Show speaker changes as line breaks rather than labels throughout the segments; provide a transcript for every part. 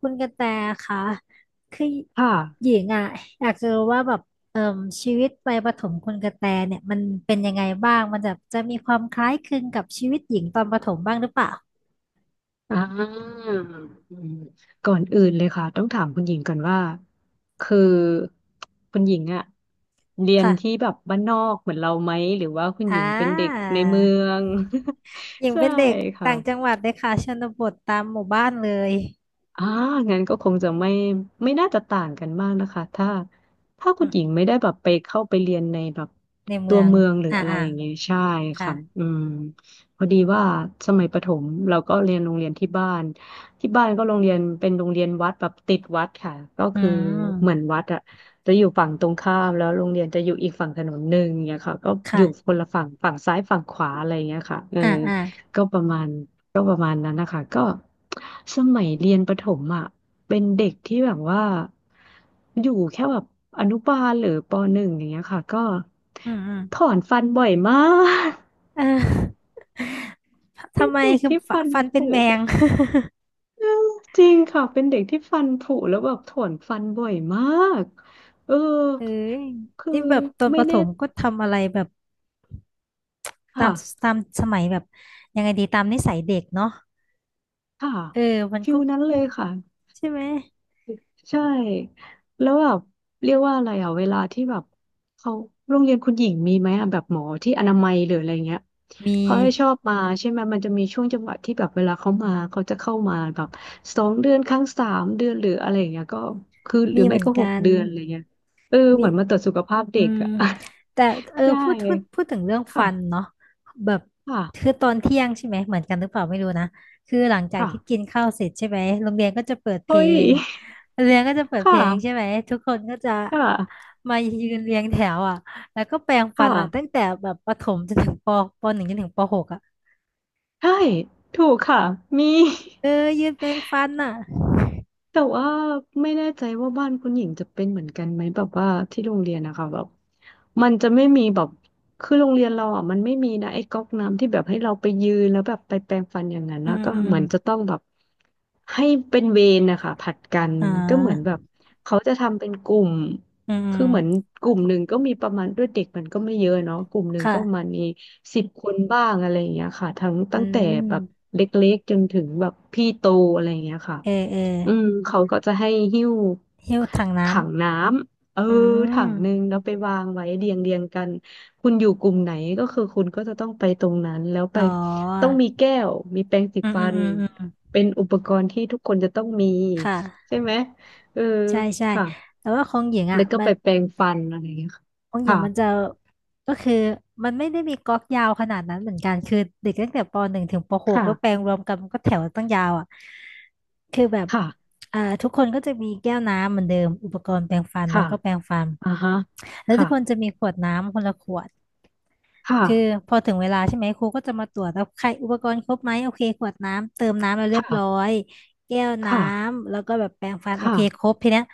คุณกระแตคะคือ
ค
ห
่ะ
ญิงอ่ะอยากจะรู้ว่าแบบเอ่มชีวิตวัยประถมคุณกระแตเนี่ยมันเป็นยังไงบ้างมันจะมีความคล้ายคลึงกับชีวิตหญิงตอนประถมบ้างหรือเปล่า
อ่าอืมก่อนอื่นเลยค่ะต้องถามคุณหญิงก่อนว่าคือคุณหญิงอะเรียนที่
ค่ะ
แบบบ้านนอกเหมือนเราไหมหรือว่าคุณ
อ่
หญิงเป็นเด็กในเมือ
า
ง
หญิ ง
ใช่
เป็นเด็ก
ค่ะ
ต่างจังหวัดเลยค่ะชนบทตามหมู่บ้านเลย
อ่างั้นก็คงจะไม่น่าจะต่างกันมากนะคะถ้า
อื
คุณ
ม
หญิงไม่ได้แบบไปเข้าไปเรียนในแบบ
ในเมื
ตัว
อง
เมืองหรือ
อ่า
อะไร
อ่า
อย่างเงี้ยใช่
ค่ะ
ค่ะ อืมพอดีว่าสมัยประถมเราก็เรียนโรงเรียนที่บ้านที่บ้านก็โรงเรียนเป็นโรงเรียนวัดแบบติดวัดค่ะก็
อื
คือเหมือน
ม
วัดอะจะอยู่ฝั่งตรงข้ามแล้วโรงเรียนจะอยู่อีกฝั่งถนนหนึ่งเนี่ยค่ะก็อยู่ค
ค่ะ
นละฝั่งฝั่งซ้ายฝั่งขวาอะไรอย่างเงี้ยค่ะเออ
อ่าอ่า
ก็ประมาณ ก็ประมาณนั้นนะคะก็สมัยเรียนประถมอ่ะเป็นเด็กที่แบบว่าอยู่แค่แบบอนุบาลหรือปหนึ่งอย่างเงี้ยค่ะก็
อืมอืม
ถอนฟันบ่อยมาก
เออ ทำไม
เด็ก
คือ
ที่
ฟ
ฟัน
ฟันเป็น
ผุ
แมง
จริงค่ะเป็นเด็กที่ฟันผุแล้วแบบถอนฟันบ่อยมากเออ
เอ้ย
คื
นี่
อ
แบบตอนป
ไม่
ระถ
แน่
มก็ทำอะไรแบบตา
ค่ะ
มตามสมัยแบบยังไงดีตามนิสัยเด็กเนาะ
ค่ะ
เออ มัน
ฟิ
ก็
ลนั้นเลยค่ะ
ใช่ไหม
ใช่แล้วแบบเรียกว่าอะไรอ่ะเวลาที่แบบเขาโรงเรียนคุณหญิงมีไหมอ่ะแบบหมอที่อนามัยหรืออะไรเงี้ย
มี
เขาให้ชอบมาใช่ไหมมันจะมีช่วงจังหวะที่แบบเวลาเขามาเขาจะเข้ามาแบบสองเดือนครั้งสามเดือนหรืออะไรอย่างเงี้ยก็คือหรื
มี
อ
เห
ไม่
มือน
ก็หก
กัน
เดือนอะไรเงี้ยเออเห
มี
มือนมาตรวจสุขภาพเด็
อื
ก
ม
อ่ะ
แต่ เออ
ใช่
พูดถึงเรื่องฟัน
ค่ะ
เนาะแบบคื
ค่ะ
อตอนเที่ยงใช่ไหมเหมือนกันหรือเปล่าไม่รู้นะคือหลังจากที่กิ
ค่ะ
นข้าวเสร็จใช่ไหมโรงเรียนก็จะเปิดเพ
เฮ้
ล
ย
งโรงเรียนก็จะเปิดเพ
ค่ะ
ลงใช่ไหมทุกคนก็จะ
ค่ะ
มายืนเรียงแถวอ่ะแล้วก็แปรงฟั
ค่ะ
นล่ะตั้งแต่แบบประถมจนถึงปหนึ่งจนถึงปหกอ่ะ
ใช่ถูกค่ะมี
เออยืนแปรงฟันอ่ะ
แต่ว่าไม่แน่ใจว่าบ้านคุณหญิงจะเป็นเหมือนกันไหมแบบว่าที่โรงเรียนนะคะแบบมันจะไม่มีแบบคือโรงเรียนเราอ่ะมันไม่มีนะไอ้ก๊อกน้ำที่แบบให้เราไปยืนแล้วแบบไปแปรงฟันอย่างนั้น
อื
นะ
ม
ก็
อืม
เหมือนจะต้องแบบให้เป็นเวรนะคะผลัดกัน
อ่า
ก็เหมือนแบบเขาจะทำเป็นกลุ่ม
อืมอื
คื
ม
อเหมือนกลุ่มหนึ่งก็มีประมาณด้วยเด็กมันก็ไม่เยอะเนาะกลุ่มหนึ่ง
ค่ะ
ก็ประมาณมีสิบคนบ้างอะไรอย่างเงี้ยค่ะทั้ง
อื
ตั้งแต่
ม
แบบเล็กๆจนถึงแบบพี่โตอะไรอย่างเงี้ยค่ะ
เออเออ
อืมเขาก็จะให้หิ้ว
หิ้วถังน้
ถังน้ำเออ
ำอื
ถั
ม
งหนึ่งแล้วไปวางไว้เรียงกันคุณอยู่กลุ่มไหนก็คือคุณก็จะต้องไปตรงนั้นแล้วไป
อ๋อ
ต้องมีแก้วมีแปรงสี
อืม
ฟั
อืม
น
อืมอืม
เป็นอุปกรณ์ที่ทุกคนจะต้องมี
ค่ะ
ใช่ไหมเออ
ใช่ใช่
ค่ะ
แต่ว่าของหญิง
แล้
อ่ะ
วก็
มั
ไป
น
แปรงฟันอะไรอย่างเงี้ย
ของหญิง
ค่ะ
มันจะก็คือมันไม่ได้มีก๊อกยาวขนาดนั้นเหมือนกันคือเด็กตั้งแต่ปหนึ่งถึงปหกก็แปลง
ค่ะ
รวมกันมันก็แถวตั้งยาวอ่ะคือแบบ
ค่ะ
อ่าทุกคนก็จะมีแก้วน้ำเหมือนเดิมอุปกรณ์แปรงฟันแล้
ค่ะ
วก็แปรงฟัน
อ่าฮะ
แล้วทุ
ค่ะ
กคนจะมีขวดน้ำคนละขวด
ค่ะ
คือพอถึงเวลาใช่ไหมครูก็จะมาตรวจแล้วใครอุปกรณ์ครบไหมโอเคขวดน้ำเติมน้ำแล้วเรียบร้อ
ค่ะ
ยแก้วน้
ค่ะ
ำแล้วก็แบบแปรงฟันโอ
ค่ะ
เคครบทีเนี้ย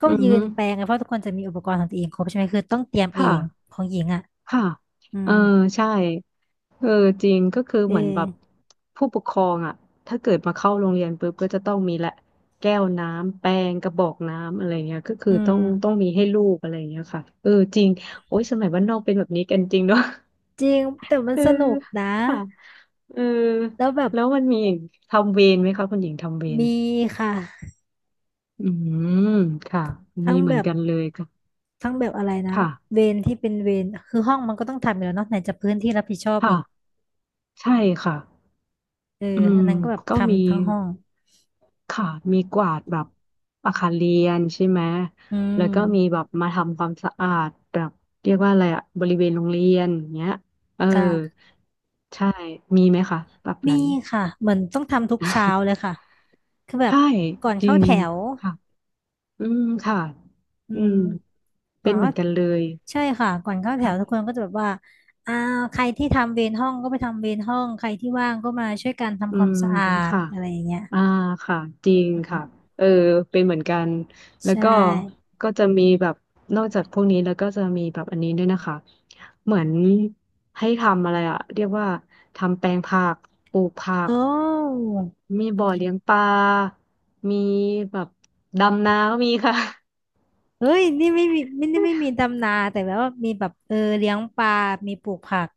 ก็
อือ
ยื
ฮึ
นแปรงกันเพราะทุกคนจะมีอุปกรณ์ของตัวเองครบใช่ไหมคือต้องเตรียมเอ
ค่ะ
งของหญิงอ่ะ
ค่ะ
อื
เอ
ม
อใช่ เออจริงก็คือ
เ
เหมือนแบบ
ออ
ผู้ปกครองอ่ะถ้าเกิดมาเข้าโรงเรียนปุ๊บก็จะต้องมีแหละแก้วน้ำแปรงกระบอกน้ำอะไรเงี้ยก็คือ
อืม
ต้องมีให้ลูกอะไรเงี้ยค่ะเออจริงโอ้ยสมัยบ้านนอกเป็นแบบนี้กันจริงเนาะ
จริง แต่มัน
เออ
สนุกนะ
ค่ะเออ
แล้วแบบ
แล้วมันมีอีกทำเวรไหมคะคุณหญิงทำเวร
มีค่ะ
อืมค่ะ
ทั้
มี
ง
เห
แบ
มือน
บ
กันเลยค่ะ
อะไรนะ
ค่ะ
เวรที่เป็นเวรคือห้องมันก็ต้องทำอยู่แล้วเนาะไหนจะพื้นที่รับผิดชอบ
ค่ะ
อีก
ใช่ค่ะ
เออ
อื
อั
ม
นนั้นก็แบบ
ก็มี
ทำทั้งห้อง
ค่ะมีกวาดแบบอาคารเรียนใช่ไหม
อื
แล้วก็มีแบ
ม
บมาทำความสะอาดแบบเรียกว่าอะไรอะบริเวณโรงเรียนอย่างเงี้ยเออ
ค่ะ
ใช่มีไหมคะแบบ
มี
นั้น
ค่ะเหมือนต้องทำทุกเช้าเลยค่ะคือแบบ
ใช่
ก่อน
จริ
เข้า
ง
แถว
ค่ะอืมค่ะ
อื
อื
ม
ม
ก่
เป็
อ
น
น
เหมื
เข้า
อนกันเลย
ใช่ค่ะ ก่อนเข้าแถว
ค่ะ
ทุกคนก็จะแบบว่าอ่าใครที่ทำเวรห้องก็ไปทำเวรห้องใครที่ว่างก็มาช่วยกัน
อื
ทำความ
ม
สะอาด
ค่ะ
อะไรอย่างเงี้ย
อ่าค่ะจ
อ
ริง
ื
ค่ะ
ม
เออเป็นเหมือนกันแล้
ใช
วก็
่
ก็จะมีแบบนอกจากพวกนี้แล้วก็จะมีแบบอันนี้ด้วยนะคะเหมือนให้ทำอะไรอะเรียกว่าทำแปลงผักปลูกผั
โอ
ก
้
มีบ่อเลี้ยงปลามีแบบดำนาก็มีค่ะ
เฮ้ยนี่ไม่มีไม่มี ดำนาแต่แบบว่ามีแบบเออเลี้ยงปลามีปลูกผัก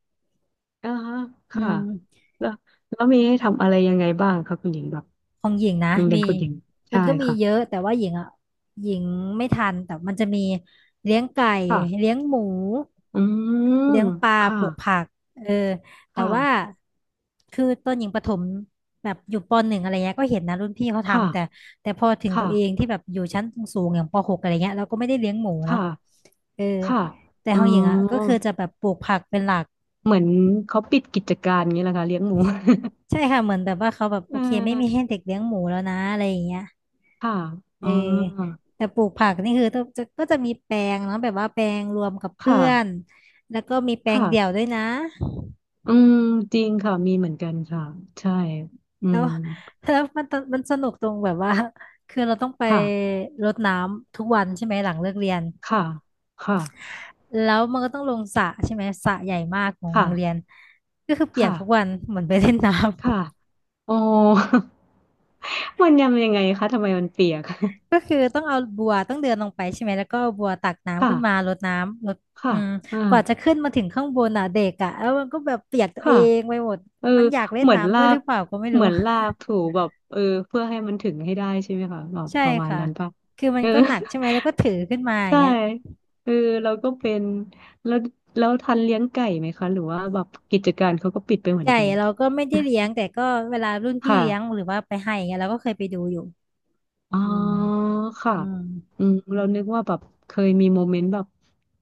อ่าฮะ
อื
ค่ะ
ม
แล้วแล้วมีให้ทำอะไรยังไงบ้างคะคุณหญิงแบบ
ของหญิงนะ
โรงเรีย
มี
นคุณหญิง
มั
ใช่
นก็มีเยอะ
ค่ะ
แต่ว่าหญิงอ่ะหญิงไม่ทันแต่มันจะมีเลี้ยงไก่
ค่ะ
เลี้ยงหมู
อืม
เลี้ยงปลา
ค่ะ
ปลูกผักเออแต่
ค่ะ
ว่าคือตอนหญิงประถมแบบอยู่ปหนึ่งอะไรเงี้ยก็เห็นนะรุ่นพี่เขา
ค่ะ
ทำแต่พอถึง
ค่ะ
ตัวเองที่แบบอยู่ชั้นสูงๆอย่างปหกอะไรเงี้ยเราก็ไม่ได้เลี้ยงหมู
ค
เนาะ
่ะ
เออ
ค่ะ
แต่
อ๋
ของหญิงอ่ะก็
อ
คือจะแบบปลูกผักเป็นหลัก
เหมือนเขาปิดกิจการอย่างี้และค่ะเลี้ยงหมู
ใช่ค่ะเหมือนแบบว่าเขาแบบ โอ
เ
เคไม่มีให้
ออ
เด็กเลี้ยงหมูแล้วนะอะไรอย่างเงี้ย
ค่ะ
เอ
อ๋
อ
อ
แต่ปลูกผักนี่คือต้องจะก็จะมีแปลงเนาะแบบว่าแปลงรวมกับเพื่
ค่ะ
อนแล้วก็มีแปลง
ค่ะ
เดี่ยวด้วยนะ
อืม จริงค่ะ มีเหมือนกันค่ะ ใช่ อื
แล้ว
ม
มันสนุกตรงแบบว่าคือเราต้องไป
ค่ะ
รดน้ำทุกวันใช่ไหมหลังเลิกเรียน
ค่ะค่ะ
แล้วมันก็ต้องลงสระใช่ไหมสระใหญ่มากของโร
ค่ะ
งเรียนก็คือเปียก
ค่ะ
ทุกวันเหมือนไปเล่นน
ค่ะ
้ำ
อ๋อ มันยำยังไงคะทำไมมันเปียก
ก็คือต้องเอาบัวต้องเดินลงไปใช่ไหมแล้วก็เอาบัวตักน้ำ
ค่ะ
ขึ้นมารดน้ำรด
ค่ะ
อืม
อ่า
กว่าจะขึ้นมาถึงข้างบนอ่ะเด็กอ่ะแล้วมันก็แบบเปียกตัวเอ
ค่ะ
งไปหมด
เออ
มันอยากเล่น
เหมือน
น้ำด้
ลา
วยหรื
ก
อเปล่าก็ไม่รู้
ถูแบบเออเพื่อให้มันถึงให้ได้ใช่ไหมคะแบบ
ใช่
ประมาณ
ค่ะ
นั้นป่ะ
คือมั
เอ
น
อ
ก็หนักใช่ไหมแล้วก็ถือขึ้นมา อย่า
ใช่
งเงี้ย
เออเราก็เป็นแล้วทันเลี้ยงไก่ไหมคะหรือว่าแบบกิจการเขาก็ปิดไปเหมือน
ไก่
กัน
เราก็ไม่ได้เลี้ยง แต่ก็เวลารุ่นพี่
ค่ะ
เลี้ยงหรือว่าไปให้อย่างเงี้ยเราก็เคยไปดูอยู่
อ๋อ
อืม
ค่ะ
อืม
อืมเรานึกว่าแบบเคยมีโมเมนต์แบบ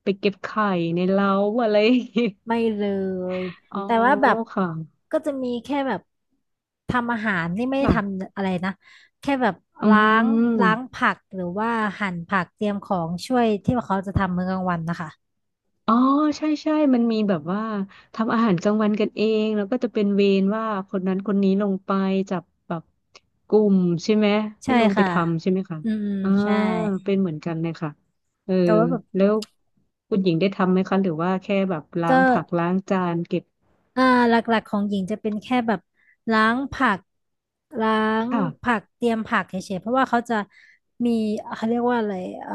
ไปเก็บไข่ในเล้าอะไรอย่างงี้
ไม่เลย
อ๋อ
แต่ว่าแบบ
ค่ะ
ก็จะมีแค่แบบทำอาหารนี่ไม่ได้ท
ค่ะ
ำอะไรนะแค่แบบ
อื
ล้างล้าง
ม
ผักหรือว่าหั่นผักเตรียมของช่วยที่เขาจะทำมื้อกลางวันนะคะ
อ๋อใช่ใช่มันมีแบบว่าทำอาหารกลางวันกันเองแล้วก็จะเป็นเวรว่าคนนั้นคนนี้ลงไปจับแบบกลุ่มใช่ไหมให้
ใช่
ลงไป
ค่ะ
ทำใช่ไหมคะ
อืมอืม
อ่า
ใช่
เป็นเหมือนกันเลยค่ะเออ
แต่ว่าแบบ
แล้วคุณหญิงได้ทำไหมคะหรือว่าแค่แบบล้า
ก็
งผักล้างจานเก็บ
อ่าหลักๆของหญิงจะเป็นแค่แบบล้างผักล้าง
ค่ะ
เตรียมผักเฉยๆเพราะว่าเขาจะมีเขาเรียกว่าอะไรเอ่อ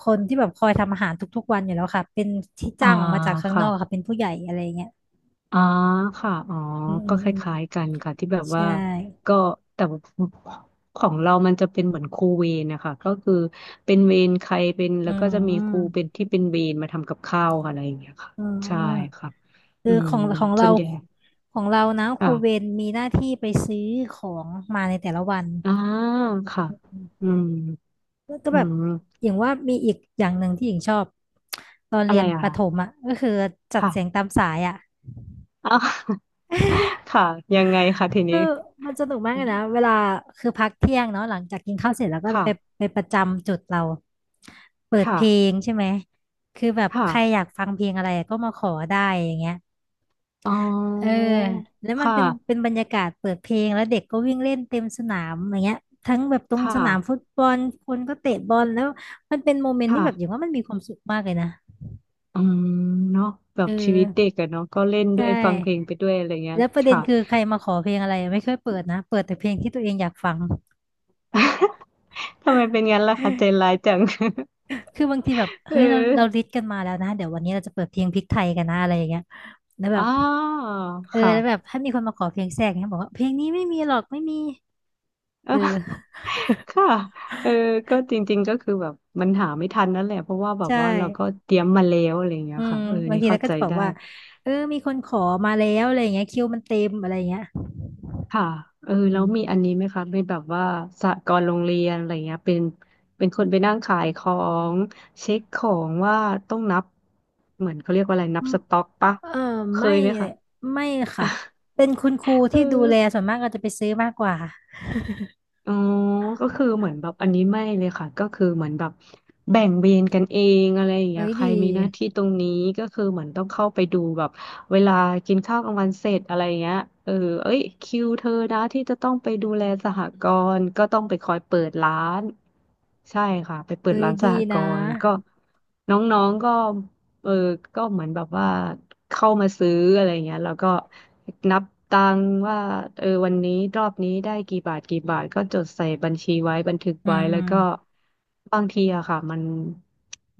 คนที่แบบคอยทำอาหารทุกๆวันอยู่แล้วค่ะเป็นที่
อ่า
จ้างออกมาจากข้างนอกค่ะ
ค่ะ
เป็นผู้ใหญ่อะไรเงี้ย
อ๋อค่ะอ๋อ
อืมอื
ก็
ม
ค
อืม
ล้ายๆกันค่ะที่แบบ
ใช
ว่า
่
ก็แต่ของเรามันจะเป็นเหมือนครูเวรนะคะก็คือเป็นเวรใครเป็น
อื
แล้วก็จะมีครูเป็น
ม
ที่เป็นเวรมาทำกับข้าวค่ะอะไรอย่างเงี้ยค่ะ
อื
ใช่
ม
ค่ะ
คื
อื
อข
ม
องของ
ส่
เรา
วนใหญ่
ของเรานะครู
ค่ะ
เวรมีหน้าที่ไปซื้อของมาในแต่ละวัน
อ่าค่ะอืม
แล้วก็
อื
แบบ
ม
อย่างว่ามีอีกอย่างหนึ่งที่หญิงชอบตอน
อะ
เรี
ไร
ยนป
อ่ะ
ระถมอ่ะก็คือจัดเสียง
ค่ะ
ตามสายอ่ะ
อ๋อ ค่ะยังไงคะที
คื
นี้
อมันสนุกมากเลยนะเวลาคือพักเที่ยงเนาะหลังจากกินข้าวเสร็จแล้วก็
ค่ะ
ไปไปประจำจุดเราเปิดเพ
ค่ะ
ลงใช่ไหมคือแบบ
ค่ะ
ใครอยากฟังเพลงอะไรก็มาขอได้อย่างเงี้ย
อ๋
เออ
อ
แล้วมัน
ค่ะ
เป็นบรรยากาศเปิดเพลงแล้วเด็กก็วิ่งเล่นเต็มสนามอย่างเงี้ยทั้งแบบตรง
ค่ะ
สนามฟุตบอลคนก็เตะบอลแล้วมันเป็นโมเมนต์ที่แบบอย่าง
ค่ะ
ว่ามันมีความสุขมากเลยนะ
อืมเนาะแบ
เอ
บชีวิต
อ
เด็กอะเนาะก็เล่นด้ว
ใช่
ยฟังเพลงไปด้วยอะไรเงี้ย
แล้วประเด็น
ค่ะ
คือใครมาขอเพลงอะไรไม่ค่อยเปิดนะเปิดแต่เพลงที่ตัวเองอยากฟัง
ทำไมเป็นงั้นล่ะคะใจร้ายจัง
คือบางทีแบบ
เอ
เฮ้
อ
ยเราลิสต์กันมาแล้วนะเดี๋ยววันนี้เราจะเปิดเพลงพริกไทยกันนะอะไรอย่างเงี้ยแล้วแบ
อ๋า
บเออ
ค่ะ
แล้วแบบ ถ้ามีคนมาขอเพลงแทรกเนี่ยบอกว่าเพลงนี้ไม่มีหรอกไม่มี
เอ
เอ
อ
อ
ค่ะเออก็จริงๆก็คือแบบมันหาไม่ทันนั่นแหละเพราะว่าแบบ
ใช่
ว่าเราก็เตรียมมาแล้วอะไรเงี้
อื
ย
ม
ค่ะเออ
บาง
นี่
ทีเรา
เข้า
ก็
ใจ
จะบอก
ได้
ว่าเออมีคนขอมาแล้วอะไรอย่างเงี้ยคิวมันเต็มอะไรอย่างเงี้ย
ค่ะเออ
อื
แล้วมีอัน
ม
นี้ไหมคะเป็นแบบว่าสหกรณ์โรงเรียนอะไรเงี้ยเป็นคนไปนั่งขายของเช็คของว่าต้องนับเหมือนเขาเรียกว่าอะไรนั
อื
บ
ม
สต็อกปะ
เออ
เค
ไม่
ยไหมคะ
ไม่ค่ะเป็นคุณครู
เออ
ที่ดูแลส่วนมากก็จะไปซื้อมากกว่า
อ๋อก็คือเหมือนแบบอันนี้ไม่เลยค่ะ ก็คือเหมือนแบบแบ่งเวรกันเองอะไรอย่าง
เอ้
เงี้ย
ย
ใค
ดี
รมีหน้าที่ตรงนี้ ก็คือเหมือนต้องเข้าไปดูแบบเวลากินข้าวกลางวันเสร็จอะไรอย่างเงี้ยเออเอ้ยคิวเธอนะที่จะต้องไปดูแลสหกรณ์ก็ต้องไปคอยเปิดร้านใช่ค่ะไปเปิ
เอ้
ด
ย
ร้านส
ดี
หก
นะ
รณ์ก็น้องๆก็ เออก็เหมือนแบบว่าเข้ามาซื้ออะไรเงี้ยแล้วก็นับตังค์ว่าเออวันนี้รอบนี้ได้กี่บาทกี่บาทก็จดใส่บัญชีไว้บันทึก
อื
ไว้
มอื
แล้ว
ม
ก็บางทีอะค่ะมัน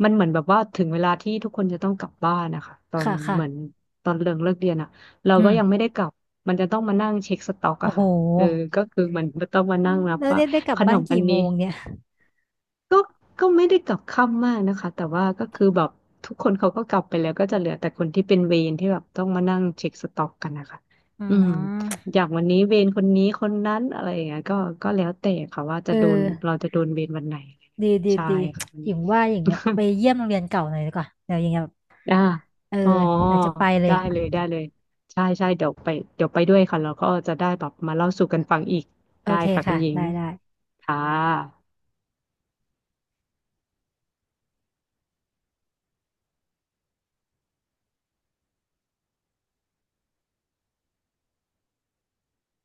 มันเหมือนแบบว่าถึงเวลาที่ทุกคนจะต้องกลับบ้านนะคะตอน
ค่ะ
เหมือน
ค่ะ
ตอนเลิกเรียนอะเรา
อื
ก็ยังไม่
ม
ได้กลับมันจะต้องมานั่งเช็คสต็อก
โอ้
อะ
โห
ค่ะเออก็คือมันต้องมานั่งนับ
แล้ว
ว่า
เนี่ยได้กลั
ข
บ
น
บ้าน
มอัน
กี่โม
นี้
งเนี่ย
ก็ก็ไม่ได้กลับค่ำมากนะคะแต่ว่าก็คือแบบทุกคนเขาก็กลับไปแล้วก็จะเหลือแต่คนที่เป็นเวรที่แบบต้องมานั่งเช็คสต็อกกันนะคะ
อื
อืม
ม
อย่างวันนี้เวรคนนี้คนนั้นอะไรอย่างเงี้ยก็แล้วแต่ค่ะว่า
เอ
จะ
อ
โดนเราจะโดนเวรวันไหน
ดีดี
ใช่
ดี
ค่ะวัน
หญิ
นี้
งว่าหญิงอะ ไปเยี่ยมโรงเรียนเก่าหน่อยดีกว่าเดี๋ยวหญิงแบบ
อ่า
เออ
อ๋อ
เดี๋ยวจะไปเลย
ได้เลยได้เลยใช่ใช่เดี๋ยวไปเดี๋ยวไปด้วยค่ะเราก็จะได้แบบมาเล่าสู่กันฟังอีก
โอ
ได้
เค
ค่ะคุ
ค่ะ
ณหญิง
ได้ได้
ค่ะ